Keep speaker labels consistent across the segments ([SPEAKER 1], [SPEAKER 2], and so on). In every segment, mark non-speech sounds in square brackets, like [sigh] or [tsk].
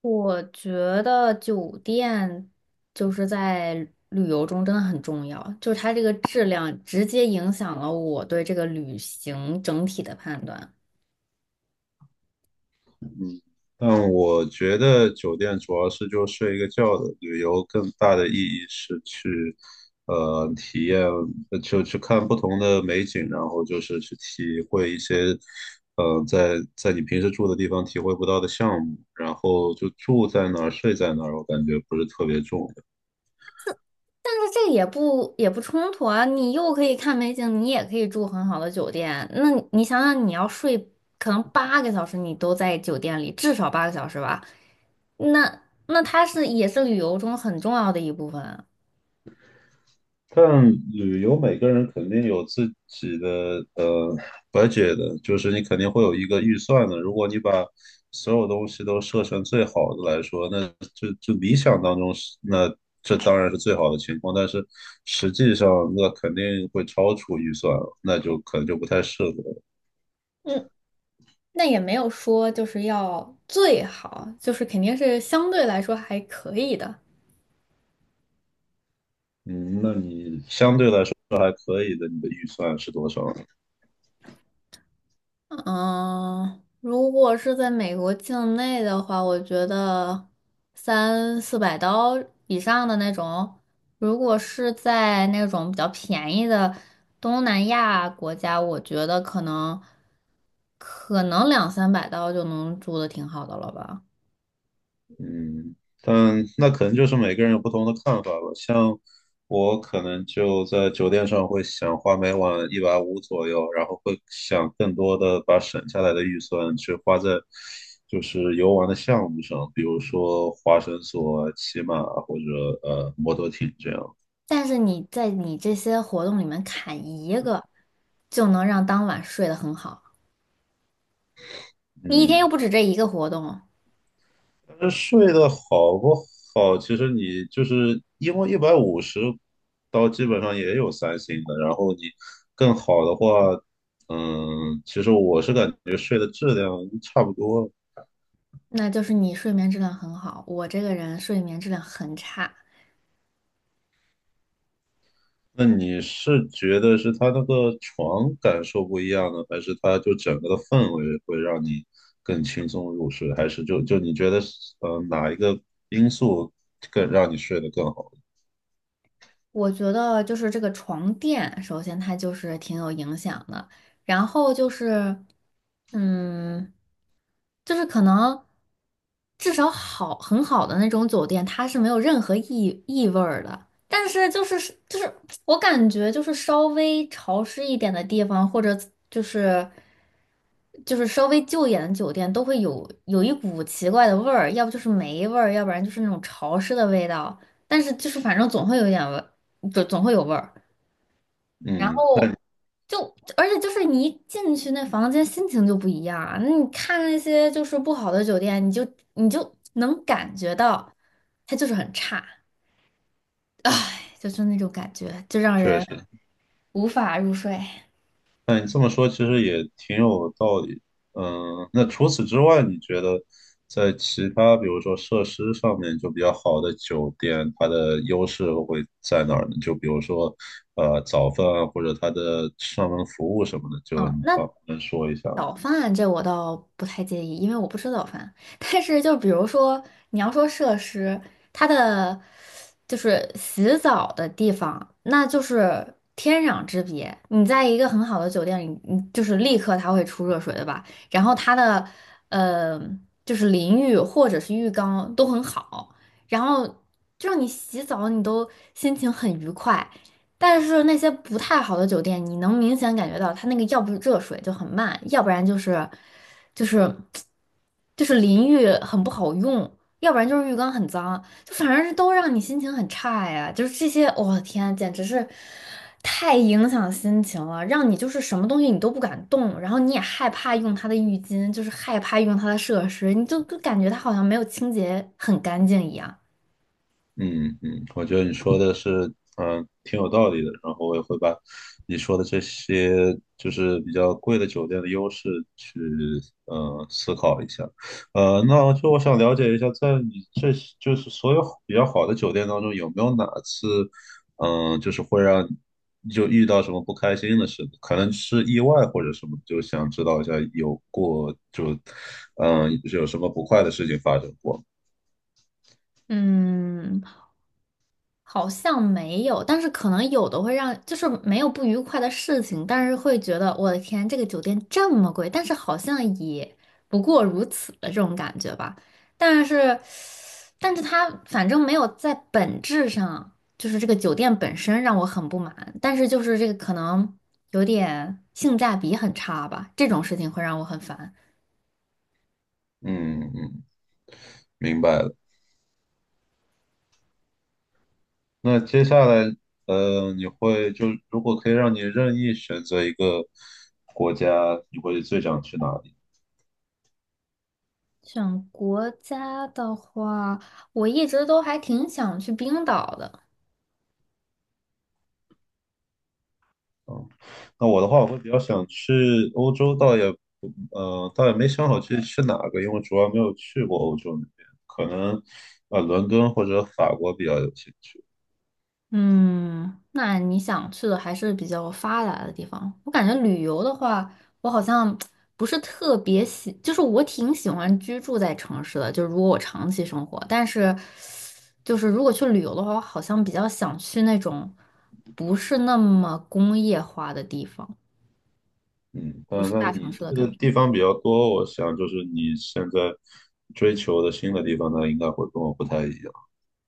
[SPEAKER 1] 我觉得酒店就是在旅游中真的很重要，就是它这个质量直接影响了我对这个旅行整体的判断。
[SPEAKER 2] 但我觉得酒店主要是就睡一个觉的，旅游更大的意义是去，体验，就去看不同的美景，然后就是去体会一些，在你平时住的地方体会不到的项目，然后就住在哪儿，睡在哪儿，我感觉不是特别重。
[SPEAKER 1] 但是这也不冲突啊，你又可以看美景，你也可以住很好的酒店。那你想想，你要睡可能八个小时，你都在酒店里，至少八个小时吧？那它也是旅游中很重要的一部分。
[SPEAKER 2] 但旅游每个人肯定有自己的budget 的，就是你肯定会有一个预算的。如果你把所有东西都设成最好的来说，那就理想当中是那，这当然是最好的情况，但是实际上那肯定会超出预算了，那就可能就不太适合了。
[SPEAKER 1] 嗯。那也没有说就是要最好，就是肯定是相对来说还可以的。
[SPEAKER 2] 嗯，那你相对来说还可以的，你的预算是多少？
[SPEAKER 1] 嗯，如果是在美国境内的话，我觉得三四百刀以上的那种，如果是在那种比较便宜的东南亚国家，我觉得可能两三百刀就能住的挺好的了吧。
[SPEAKER 2] 嗯，但那可能就是每个人有不同的看法吧。像我可能就在酒店上会想花每晚一百五左右，然后会想更多的把省下来的预算去花在就是游玩的项目上，比如说滑绳索、骑马或者摩托艇这样。
[SPEAKER 1] 但是你在你这些活动里面砍一个，就能让当晚睡得很好。你一天
[SPEAKER 2] 嗯，
[SPEAKER 1] 又不止这一个活动，
[SPEAKER 2] 这睡得好不好，其实你就是因为150刀基本上也有三星的，然后你更好的话，嗯，其实我是感觉睡的质量差不多。
[SPEAKER 1] 那就是你睡眠质量很好。我这个人睡眠质量很差，
[SPEAKER 2] 那你是觉得是它那个床感受不一样呢，还是它就整个的氛围会让你更轻松入睡，还是就你觉得哪一个因素更让你睡得更好？
[SPEAKER 1] 我觉得就是这个床垫，首先它就是挺有影响的，然后就是，嗯。就是可能至少很好的那种酒店，它是没有任何异味儿的。但是就是我感觉就是稍微潮湿一点的地方，或者就是就是稍微旧一点的酒店，都会有一股奇怪的味儿，要不就是霉味儿，要不然就是那种潮湿的味道。但是就是反正总会有一点味，就总会有味儿。然
[SPEAKER 2] 嗯，那你
[SPEAKER 1] 后就，而且就是你一进去那房间，心情就不一样啊。那你看那些就是不好的酒店，你就能感觉到它就是很差，唉，就是那种感觉，就让
[SPEAKER 2] 确
[SPEAKER 1] 人
[SPEAKER 2] 实。
[SPEAKER 1] 无法入睡。
[SPEAKER 2] 那你这么说其实也挺有道理。嗯，那除此之外，你觉得在其他比如说设施上面就比较好的酒店，它的优势会在哪儿呢？就比如说早饭啊，或者它的上门服务什么的，就
[SPEAKER 1] 嗯，
[SPEAKER 2] 你
[SPEAKER 1] 那
[SPEAKER 2] 好能说一下吗？
[SPEAKER 1] 早饭这我倒不太介意，因为我不吃早饭。[laughs] 但是就比如说你要说设施，它的就是洗澡的地方，那就是天壤之别。你在一个很好的酒店里，你就是立刻它会出热水的吧？然后它的呃就是淋浴或者是浴缸都很好，然后就让你洗澡，你都心情很愉快。但是那些不太好的酒店，你能明显感觉到它那个要不是热水就很慢，要不然就是就是淋浴很不好用，要不然就是浴缸很脏，就反正是都让你心情很差呀。就是这些，我的天，简直是太影响心情了，让你就是什么东西你都不敢动，然后你也害怕用它的浴巾，就是害怕用它的设施，你就感觉它好像没有清洁很干净一样。
[SPEAKER 2] 嗯嗯，我觉得你说的是，挺有道理的。然后我也会把你说的这些，就是比较贵的酒店的优势去，思考一下。那就我想了解一下，在你这就是所有比较好的酒店当中，有没有哪次，就是会让你就遇到什么不开心的事，可能是意外或者什么，就想知道一下有过就，有什么不快的事情发生过？
[SPEAKER 1] 嗯，好像没有，但是可能有的会让，就是没有不愉快的事情，但是会觉得我的天，这个酒店这么贵，但是好像也不过如此的这种感觉吧。但是，但是，它反正没有在本质上，就是这个酒店本身让我很不满，但是就是这个可能有点性价比很差吧，这种事情会让我很烦。
[SPEAKER 2] 嗯嗯，明白了。那接下来，你会就如果可以让你任意选择一个国家，你会最想去哪里？
[SPEAKER 1] 选国家的话，我一直都还挺想去冰岛的。
[SPEAKER 2] 嗯，那我的话，我会比较想去欧洲，倒也没想好去哪个，因为主要没有去过欧洲那边，可能伦敦或者法国比较有兴趣。
[SPEAKER 1] 嗯，那你想去的还是比较发达的地方。我感觉旅游的话，我好像 [tsk] 不是特别喜，就是我挺喜欢居住在城市的，就是如果我长期生活，但是就是如果去旅游的话，我好像比较想去那种不是那么工业化的地方，
[SPEAKER 2] 嗯，
[SPEAKER 1] 不
[SPEAKER 2] 但
[SPEAKER 1] 是
[SPEAKER 2] 那
[SPEAKER 1] 大城
[SPEAKER 2] 你去
[SPEAKER 1] 市的感
[SPEAKER 2] 的
[SPEAKER 1] 觉。
[SPEAKER 2] 地方比较多，我想就是你现在追求的新的地方，那应该会跟我不太一样。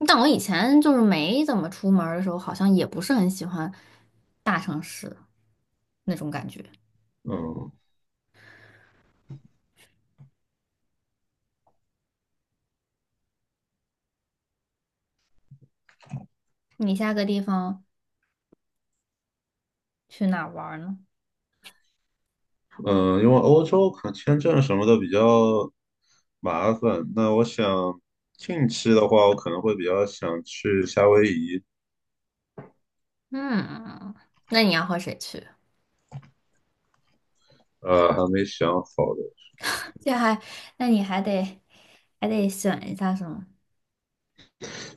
[SPEAKER 1] 但我以前就是没怎么出门儿的时候，好像也不是很喜欢大城市那种感觉。
[SPEAKER 2] 嗯，
[SPEAKER 1] 你下个地方去哪儿玩儿呢？
[SPEAKER 2] 嗯，因为欧洲可能签证什么的比较麻烦，那我想近期的话，我可能会比较想去夏威夷，
[SPEAKER 1] 嗯，那你要和谁去？
[SPEAKER 2] 还没想好的。
[SPEAKER 1] 这还，那你还得选一下是吗？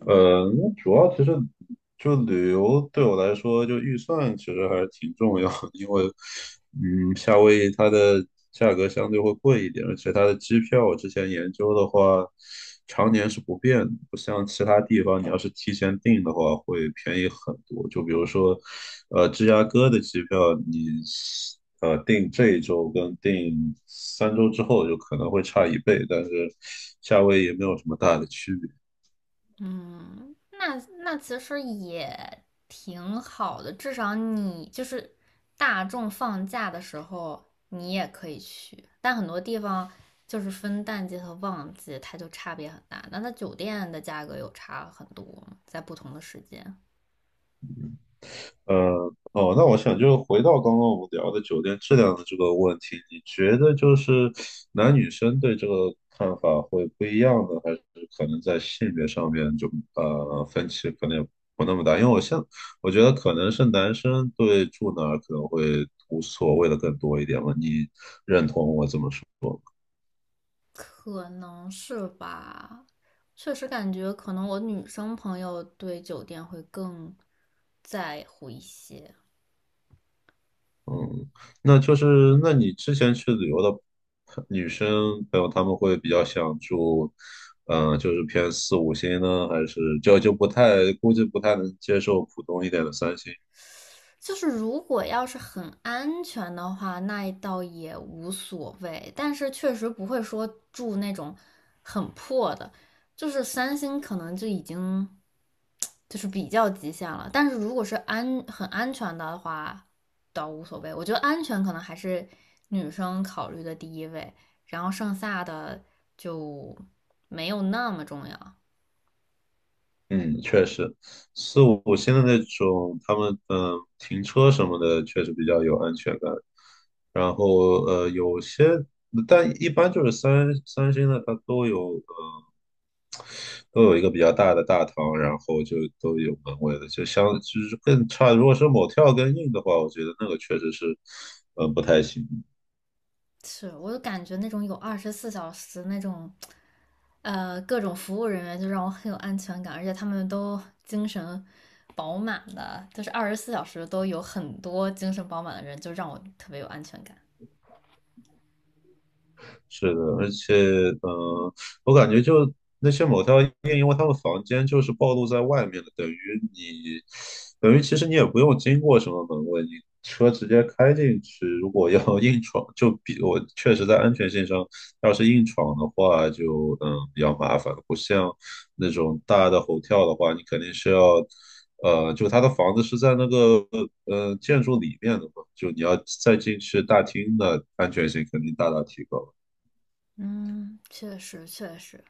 [SPEAKER 2] 那主要其实就旅游对我来说，就预算其实还是挺重要的，因为夏威夷它的价格相对会贵一点，而且它的机票我之前研究的话，常年是不变的，不像其他地方，你要是提前订的话会便宜很多。就比如说，芝加哥的机票你订这一周跟订3周之后就可能会差一倍，但是夏威夷没有什么大的区别。
[SPEAKER 1] 嗯，那其实也挺好的，至少你就是大众放假的时候，你也可以去。但很多地方就是分淡季和旺季，它就差别很大。那它酒店的价格有差很多，在不同的时间。
[SPEAKER 2] 呃，哦，那我想就是回到刚刚我们聊的酒店质量的这个问题，你觉得就是男女生对这个看法会不一样呢，还是可能在性别上面就分歧可能也不那么大？因为我觉得可能是男生对住哪儿可能会无所谓的更多一点吧，你认同我这么说？
[SPEAKER 1] 可能是吧，确实感觉可能我女生朋友对酒店会更在乎一些。
[SPEAKER 2] 嗯，那就是那你之前去旅游的女生朋友，她们会比较想住，就是偏四五星呢，还是就不太估计不太能接受普通一点的三星？
[SPEAKER 1] 就是如果要是很安全的话，那倒也无所谓。但是确实不会说住那种很破的，就是三星可能就已经就是比较极限了。但是如果是很安全的话，倒无所谓。我觉得安全可能还是女生考虑的第一位，然后剩下的就没有那么重要。
[SPEAKER 2] 嗯，确实，四五星的那种，他们停车什么的确实比较有安全感。然后但一般就是三星的，它都有。都有一个比较大的大堂，然后就都有门卫的，就是更差。如果是某跳更硬的话，我觉得那个确实是，嗯，不太行。
[SPEAKER 1] 是我就感觉那种有二十四小时那种，各种服务人员就让我很有安全感，而且他们都精神饱满的，就是二十四小时都有很多精神饱满的人，就让我特别有安全感。
[SPEAKER 2] 是的，而且，嗯、我感觉就那些某条 t 夜，因为他们房间就是暴露在外面的，你，等于其实你也不用经过什么门卫，你车直接开进去。如果要 [laughs] 硬闯，我确实在安全性上，要是硬闯的话就，比较麻烦，不像那种大的 h 跳的话，你肯定是要。就他的房子是在那个建筑里面的嘛，就你要再进去大厅的安全性肯定大大提高。
[SPEAKER 1] 嗯，确实确实。